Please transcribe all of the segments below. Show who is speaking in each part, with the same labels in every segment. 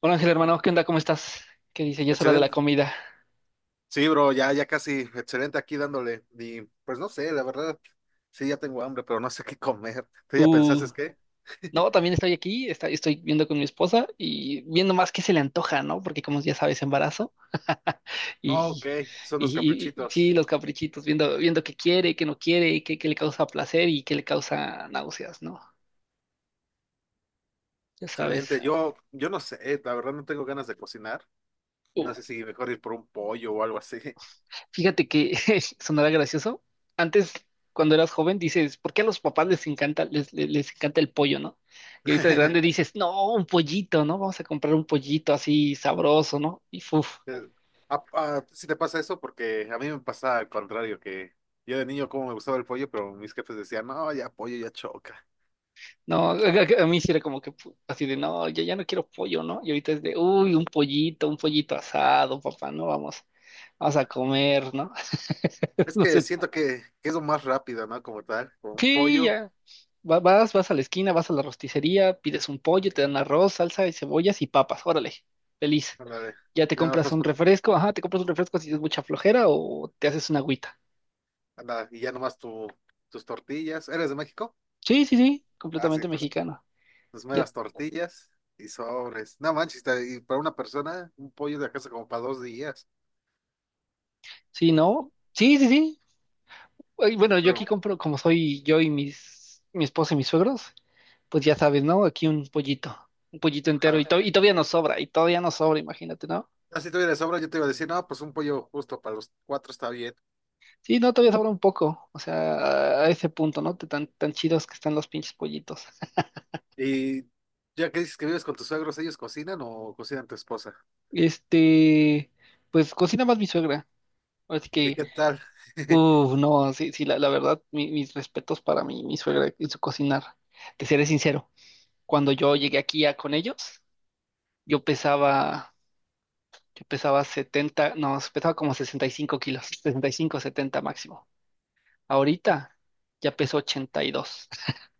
Speaker 1: Hola Ángel, hermano, ¿qué onda? ¿Cómo estás? ¿Qué dice? Ya es hora de la
Speaker 2: Excelente.
Speaker 1: comida.
Speaker 2: Sí, bro, ya casi, excelente aquí dándole. Y pues no sé, la verdad, sí, ya tengo hambre, pero no sé qué comer. ¿Tú ya pensaste
Speaker 1: Uh,
Speaker 2: qué?
Speaker 1: no, también estoy aquí, estoy viendo con mi esposa y viendo más qué se le antoja, ¿no? Porque como ya sabes, embarazo
Speaker 2: Oh, ok,
Speaker 1: y,
Speaker 2: son los
Speaker 1: sí,
Speaker 2: caprichitos.
Speaker 1: los caprichitos, viendo, viendo qué quiere, qué no quiere, qué le causa placer y qué le causa náuseas, ¿no? Ya sabes.
Speaker 2: Excelente. Yo no sé, la verdad no tengo ganas de cocinar. No sé si mejor ir por un pollo o algo así.
Speaker 1: Fíjate que sonará gracioso. Antes, cuando eras joven, dices: ¿por qué a los papás les encanta el pollo? ¿No? Y ahorita de grande dices: no, un pollito, ¿no? Vamos a comprar un pollito así sabroso, ¿no? Y fuf,
Speaker 2: Eh, ah, sí te pasa eso porque a mí me pasa al contrario, que yo de niño como me gustaba el pollo, pero mis jefes decían, no, ya pollo ya choca.
Speaker 1: no, a mí sí era como que así de, no, yo ya no quiero pollo, ¿no? Y ahorita es de, uy, un pollito asado, papá, ¿no? Vamos, vamos a comer, ¿no?
Speaker 2: Es
Speaker 1: No
Speaker 2: que
Speaker 1: sé.
Speaker 2: siento que es lo más rápido, ¿no? Como tal, con un
Speaker 1: Sí,
Speaker 2: pollo.
Speaker 1: ya. Vas a la esquina, vas a la rosticería, pides un pollo, te dan arroz, salsa y cebollas y papas. Órale, feliz.
Speaker 2: Ándale.
Speaker 1: Ya te
Speaker 2: Ya no
Speaker 1: compras
Speaker 2: estás
Speaker 1: un refresco, ajá, te compras un refresco si es mucha flojera o te haces una agüita.
Speaker 2: ándale, y ya nomás tus tortillas. ¿Eres de México?
Speaker 1: Sí, sí, sí,
Speaker 2: Ah, sí,
Speaker 1: completamente
Speaker 2: pues
Speaker 1: mexicano.
Speaker 2: tus
Speaker 1: Ya,
Speaker 2: meras tortillas y sobres. No manches, y para una persona, un pollo de casa como para dos días.
Speaker 1: sí, no, sí, sí, sí. Ay, bueno, yo
Speaker 2: Pero,
Speaker 1: aquí compro, como soy yo y mi esposa y mis suegros, pues ya sabes, ¿no? Aquí un pollito entero y, to-
Speaker 2: ah,
Speaker 1: y todavía nos sobra, y todavía nos sobra, imagínate, ¿no?
Speaker 2: ah, si tuviera sobra, yo te iba a decir, no, pues un pollo justo para los cuatro está bien.
Speaker 1: Sí, no, todavía sobra un poco, o sea, a ese punto, ¿no? Tan, tan chidos que están los pinches pollitos.
Speaker 2: Y ya que dices que vives con tus suegros, ¿ellos cocinan o cocinan tu esposa?
Speaker 1: Este, pues cocina más mi suegra, así
Speaker 2: ¿Y
Speaker 1: que,
Speaker 2: qué tal?
Speaker 1: uff, no, sí, sí, la verdad, mis respetos para mi suegra y su cocinar. Te seré sincero, cuando yo llegué aquí con ellos, yo pesaba, yo pesaba 70, no, pesaba como 65 kilos, 65, 70 máximo. Ahorita ya peso 82.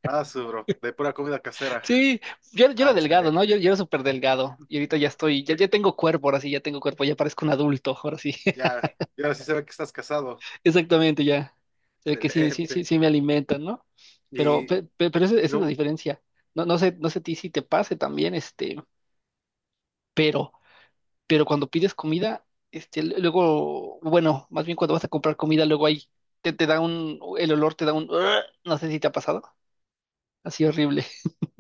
Speaker 2: Ah, su bro, de pura comida casera.
Speaker 1: Sí, yo era
Speaker 2: Ah,
Speaker 1: delgado, ¿no? Yo,
Speaker 2: excelente.
Speaker 1: yo era súper delgado y ahorita ya estoy, ya tengo cuerpo, ahora sí, ya tengo cuerpo, ya parezco un adulto, ahora sí,
Speaker 2: Ya, ya sí se ve que estás casado.
Speaker 1: exactamente, ya. Se ve que sí, sí, sí,
Speaker 2: Excelente.
Speaker 1: sí me alimentan, ¿no? Pero,
Speaker 2: Y
Speaker 1: pe- pe- pero esa es la
Speaker 2: no.
Speaker 1: diferencia. No, no sé a ti si te pase también, este, pero, pero, cuando pides comida, luego, bueno, más bien cuando vas a comprar comida, luego ahí te da un, el olor te da un, "Ugh", no sé si te ha pasado, así horrible.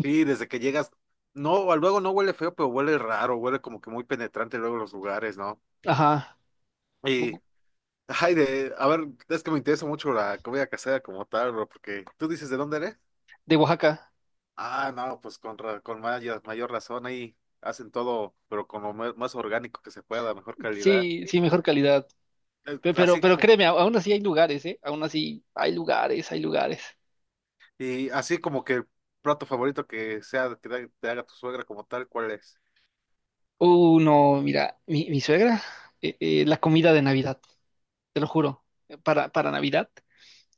Speaker 2: Sí, desde que llegas, no, luego no huele feo, pero huele raro, huele como que muy penetrante luego los lugares, ¿no?
Speaker 1: Ajá,
Speaker 2: Y, ay, de, a ver, es que me interesa mucho la comida casera como tal, bro, porque tú dices, ¿de dónde eres?
Speaker 1: de Oaxaca.
Speaker 2: Ah, no, pues con mayor, mayor razón ahí hacen todo, pero con lo más, más orgánico que se pueda, mejor calidad.
Speaker 1: Sí,
Speaker 2: Sí.
Speaker 1: sí, mejor calidad. Pe- Pero,
Speaker 2: Así,
Speaker 1: pero, créeme, aún así hay lugares, ¿eh? Aún así hay lugares, hay lugares.
Speaker 2: y así como que el plato favorito que sea, que te haga tu suegra como tal, ¿cuál es?
Speaker 1: No, mira, mi suegra, la comida de Navidad, te lo juro, para Navidad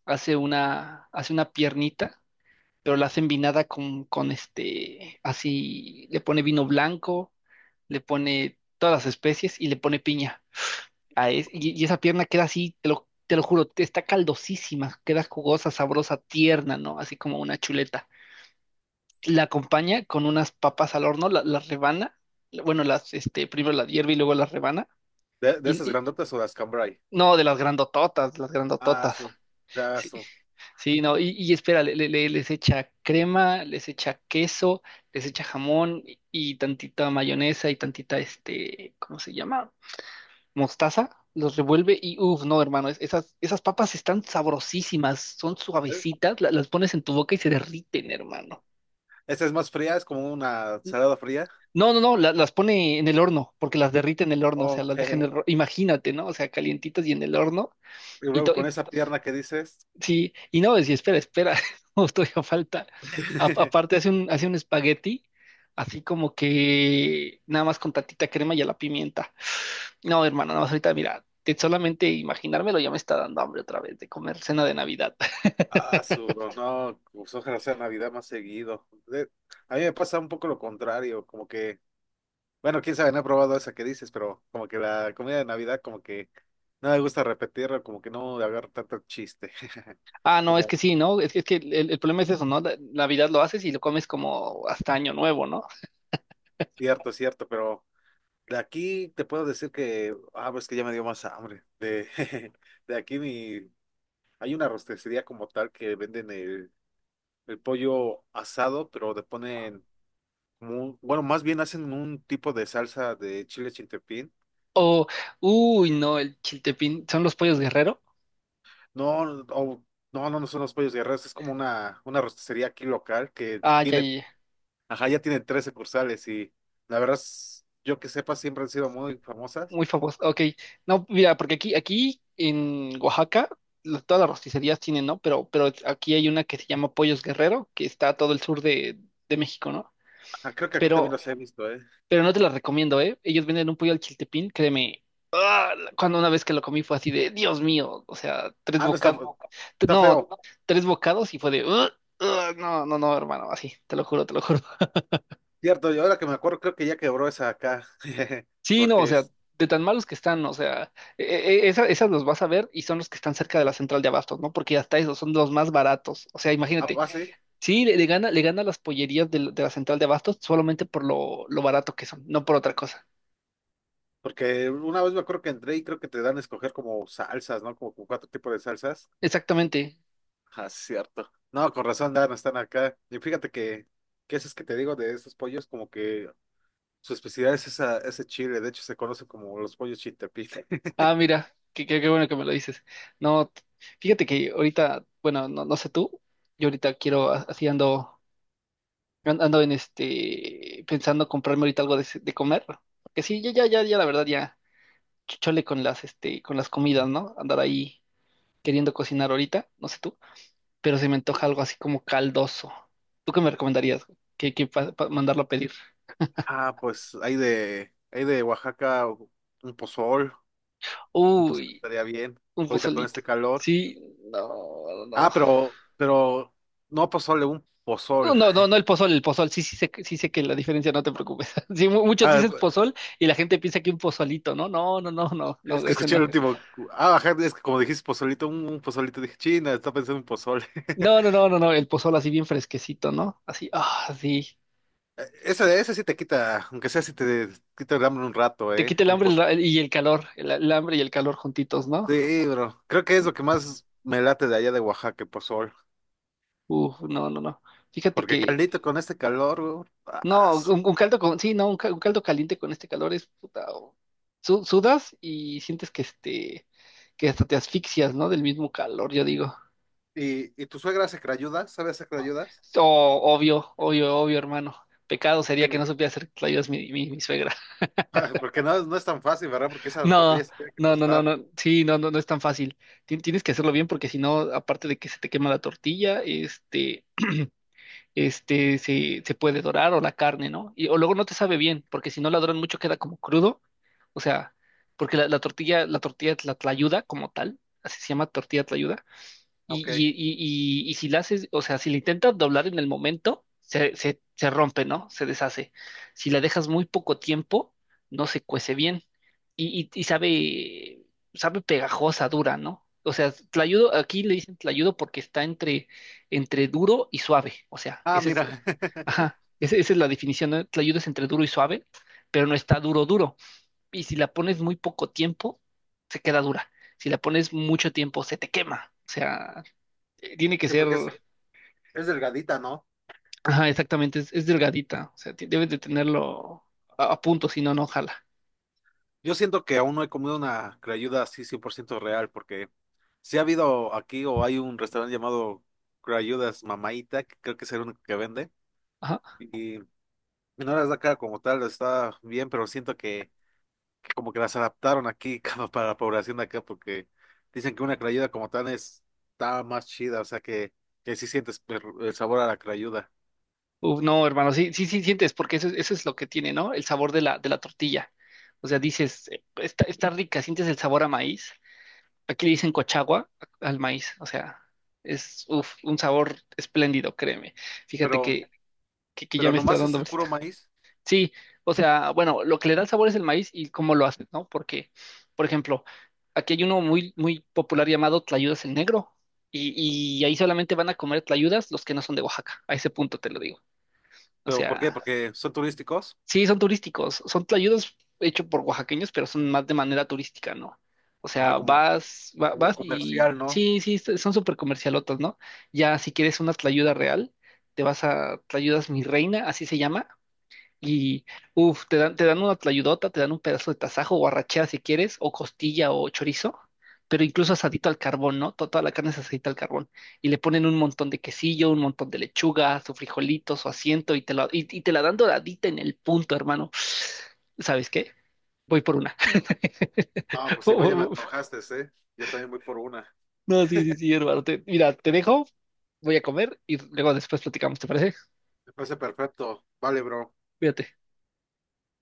Speaker 1: hace una piernita, pero la hace envinada con así, le pone vino blanco, le pone todas las especies y le pone piña. Y esa pierna queda así, te lo juro, está caldosísima, queda jugosa, sabrosa, tierna, ¿no? Así como una chuleta. La acompaña con unas papas al horno, las rebana, bueno, primero las hierve y luego las rebana,
Speaker 2: ¿De
Speaker 1: y,
Speaker 2: esas
Speaker 1: y-
Speaker 2: grandotas o las cambray.
Speaker 1: no, de las
Speaker 2: Ah,
Speaker 1: grandototas,
Speaker 2: su, ya,
Speaker 1: sí,
Speaker 2: su.
Speaker 1: sí, no, y espera, les echa crema, les echa queso, les echa jamón y tantita mayonesa y tantita, este, ¿cómo se llama? Mostaza. Los revuelve y uff, no, hermano, esas papas están sabrosísimas, son suavecitas, las pones en tu boca y se derriten, hermano.
Speaker 2: Esta es más fría, es como una salada fría.
Speaker 1: No, no, no, las pone en el horno, porque las derrite en el horno, o sea, las
Speaker 2: Ok.
Speaker 1: deja en el horno, imagínate, ¿no? O sea, calientitas y en el horno,
Speaker 2: Y
Speaker 1: y,
Speaker 2: luego
Speaker 1: to-
Speaker 2: con
Speaker 1: y-
Speaker 2: esa pierna que dices.
Speaker 1: sí, y no, decía, espera, espera, no, todavía falta. Aparte hace un espagueti, así como que nada más con tantita crema y a la pimienta. No, hermano, no, ahorita mira, de solamente imaginármelo ya me está dando hambre otra vez de comer cena de Navidad.
Speaker 2: Ah, su, no, pues ojalá sea Navidad más seguido. A mí me pasa un poco lo contrario, como que, bueno, quién sabe, no he probado esa que dices, pero como que la comida de Navidad, como que no me gusta repetirla, como que no le agarro tanto chiste.
Speaker 1: Ah, no, es
Speaker 2: Como,
Speaker 1: que sí, ¿no? Es que el problema es eso, ¿no? Navidad lo haces y lo comes como hasta Año Nuevo, ¿no?
Speaker 2: cierto, cierto, pero de aquí te puedo decir que, ah, pues que ya me dio más hambre. De aquí mi, hay una rosticería como tal que venden el pollo asado, pero le ponen, bueno, más bien hacen un tipo de salsa de chile chintepín.
Speaker 1: O, uy, no, el chiltepín, son los Pollos Guerrero.
Speaker 2: No, o- no, no, no son los pollos guerreros, es como una rosticería aquí local que
Speaker 1: Ah, ya, ya,
Speaker 2: tiene,
Speaker 1: ya,
Speaker 2: ajá, ya tiene tres sucursales y la verdad, yo que sepa, siempre han sido muy famosas.
Speaker 1: muy famoso. Ok, no, mira, porque aquí en Oaxaca, todas las rosticerías tienen, ¿no? Pero aquí hay una que se llama Pollos Guerrero, que está a todo el sur de México, ¿no?
Speaker 2: Ah, creo que aquí también
Speaker 1: Pero,
Speaker 2: los he visto, ¿eh?
Speaker 1: pero no te la recomiendo, ¿eh? Ellos venden un pollo al chiltepín, créeme. Ah, cuando una vez que lo comí fue así de, Dios mío, o sea, tres
Speaker 2: Ah, no, está,
Speaker 1: bocados,
Speaker 2: está
Speaker 1: no,
Speaker 2: feo.
Speaker 1: tres bocados y fue de: "Ugh, ugh, no, no, no, hermano", así, te lo juro, te lo juro.
Speaker 2: Cierto, y ahora que me acuerdo, creo que ya quebró esa acá.
Speaker 1: Sí, no, o
Speaker 2: Porque
Speaker 1: sea, de tan malos que están, o sea, e- esas los vas a ver y son los que están cerca de la central de abastos, ¿no? Porque hasta esos son los más baratos. O sea, imagínate,
Speaker 2: sí.
Speaker 1: sí, le gana las pollerías de la central de abastos solamente por lo barato que son, no por otra cosa.
Speaker 2: Porque una vez me acuerdo que entré y creo que te dan a escoger como salsas, ¿no? Como cuatro tipos de salsas.
Speaker 1: Exactamente.
Speaker 2: Ah, cierto. No, con razón, Dan, están acá. Y fíjate que esos que te digo de esos pollos, como que su especialidad es esa, ese chile. De hecho, se conoce como los pollos chiltepín.
Speaker 1: Ah, mira, qué, qué, qué bueno que me lo dices. No, fíjate que ahorita, bueno, no, no sé tú, yo ahorita quiero, así ando, pensando comprarme ahorita algo de comer. Que sí, ya, ya, ya, ya, la verdad, ya. Chole con con las comidas, ¿no? Andar ahí queriendo cocinar ahorita, no sé tú, pero se me antoja algo así como caldoso. ¿Tú qué me recomendarías? Mandarlo a pedir?
Speaker 2: Ah, pues hay de Oaxaca un pozol,
Speaker 1: Uy,
Speaker 2: estaría bien.
Speaker 1: un
Speaker 2: Ahorita con
Speaker 1: pozolito.
Speaker 2: este calor.
Speaker 1: Sí, no, no.
Speaker 2: Ah, pero no pozole, un
Speaker 1: No,
Speaker 2: pozol.
Speaker 1: no, no, no el pozol, el pozol. Sí, sí sé que la diferencia, no te preocupes. Sí, muchos
Speaker 2: Ah,
Speaker 1: dices pozol y la gente piensa que un pozolito, ¿no? No, no, no, no,
Speaker 2: es
Speaker 1: no,
Speaker 2: que
Speaker 1: ese
Speaker 2: escuché el
Speaker 1: no.
Speaker 2: último. Ah, ajá, es que como dijiste pozolito, un pozolito, dije, China, está pensando en pozole.
Speaker 1: No, no, no, no, no, el pozol así bien fresquecito, ¿no? Así, ah, sí.
Speaker 2: Ese sí te quita, aunque sea si te quita el hambre un rato,
Speaker 1: Te
Speaker 2: ¿eh?
Speaker 1: quita el hambre el y el calor, el hambre y el calor juntitos, ¿no?
Speaker 2: Sí, bro. Creo que es lo que más me late de allá de Oaxaca, el pozol.
Speaker 1: Uf, no, no, no. Fíjate
Speaker 2: Porque
Speaker 1: que,
Speaker 2: caldito con este calor, bro.
Speaker 1: no,
Speaker 2: As.
Speaker 1: un caldo con, sí, no, un caldo caliente con este calor es puta. Sudas y sientes que que hasta te asfixias, ¿no? Del mismo calor, yo digo.
Speaker 2: ¿Y tu suegra hace crayudas. ¿Sabe hacer crayudas?
Speaker 1: Oh, obvio, obvio, obvio, hermano. Pecado sería que
Speaker 2: Porque,
Speaker 1: no supiera hacer tlayudas mi suegra.
Speaker 2: porque no, no es tan fácil, ¿verdad? Porque esa tortilla
Speaker 1: No,
Speaker 2: se tiene que
Speaker 1: no, no, no,
Speaker 2: tostar.
Speaker 1: no. Sí, no, no, no es tan fácil. Tienes que hacerlo bien porque si no, aparte de que se te quema la tortilla. Se puede dorar o la carne, ¿no? Y, o luego no te sabe bien, porque si no la doran mucho queda como crudo, o sea, porque la tlayuda como tal, así se llama tortilla y, y,
Speaker 2: Ok.
Speaker 1: y, y, y si la haces, o sea, si la intentas doblar en el momento, se rompe, ¿no? Se deshace. Si la dejas muy poco tiempo, no se cuece bien. Y sabe pegajosa, dura, ¿no? O sea, tlayudo, aquí le dicen tlayudo porque está entre duro y suave. O sea,
Speaker 2: Ah,
Speaker 1: ese es,
Speaker 2: mira.
Speaker 1: ajá, esa es la definición, ¿no? Tlayudo es entre duro y suave, pero no está duro, duro. Y si la pones muy poco tiempo, se queda dura. Si la pones mucho tiempo, se te quema. O sea, tiene que
Speaker 2: Sí,
Speaker 1: ser,
Speaker 2: porque es delgadita, ¿no?
Speaker 1: ajá, exactamente, es delgadita, o sea, debes de tenerlo a punto, si no, no jala.
Speaker 2: Yo siento que aún no he comido una crayuda así 100% real, porque si ha habido aquí o hay un restaurante llamado Crayudas Mamaita, que creo que es el único que vende,
Speaker 1: Ajá.
Speaker 2: y no las da cara como tal, está bien, pero siento que como que las adaptaron aquí como para la población de acá, porque dicen que una crayuda como tal es, está más chida, o sea que sí sientes el sabor a la crayuda.
Speaker 1: Uf, no, hermano, sí, sí, sí sientes, porque eso, eso es lo que tiene, ¿no? El sabor de de la tortilla. O sea, dices, está rica, sientes el sabor a maíz. Aquí le dicen cochagua al maíz, o sea, es uf, un sabor espléndido, créeme. Fíjate
Speaker 2: Pero,
Speaker 1: que, que ya
Speaker 2: pero
Speaker 1: me está
Speaker 2: nomás es
Speaker 1: dando.
Speaker 2: el puro maíz.
Speaker 1: Sí, o sea, bueno, lo que le da el sabor es el maíz y cómo lo hacen, ¿no? Porque, por ejemplo, aquí hay uno muy, muy popular llamado Tlayudas el Negro y, y ahí solamente van a comer tlayudas los que no son de Oaxaca, a ese punto te lo digo. O
Speaker 2: ¿Pero por qué?
Speaker 1: sea,
Speaker 2: Porque son turísticos,
Speaker 1: sí, son turísticos, son tlayudas hechos por oaxaqueños, pero son más de manera turística, ¿no? O
Speaker 2: ajá,
Speaker 1: sea,
Speaker 2: como,
Speaker 1: vas, va-
Speaker 2: como
Speaker 1: vas y
Speaker 2: comercial, ¿no?
Speaker 1: sí, sí, son súper comercialotas, ¿no? Ya si quieres una tlayuda real, te vas a Tlayudas Mi Reina, así se llama y, uff, te dan una tlayudota, te dan un pedazo de tasajo o arrachera si quieres, o costilla o chorizo, pero incluso asadito al carbón, ¿no? Toda la carne es asadita al carbón. Y le ponen un montón de quesillo, un montón de lechuga, su frijolito, su asiento, y te la dan doradita en el punto, hermano. ¿Sabes qué? Voy por una.
Speaker 2: No, pues igual ya me antojaste, ¿eh? Yo también voy por una.
Speaker 1: No, sí, sí, sí, hermano. Mira, te dejo, voy a comer y luego después platicamos, ¿te parece?
Speaker 2: Me parece perfecto. Vale, bro.
Speaker 1: Cuídate.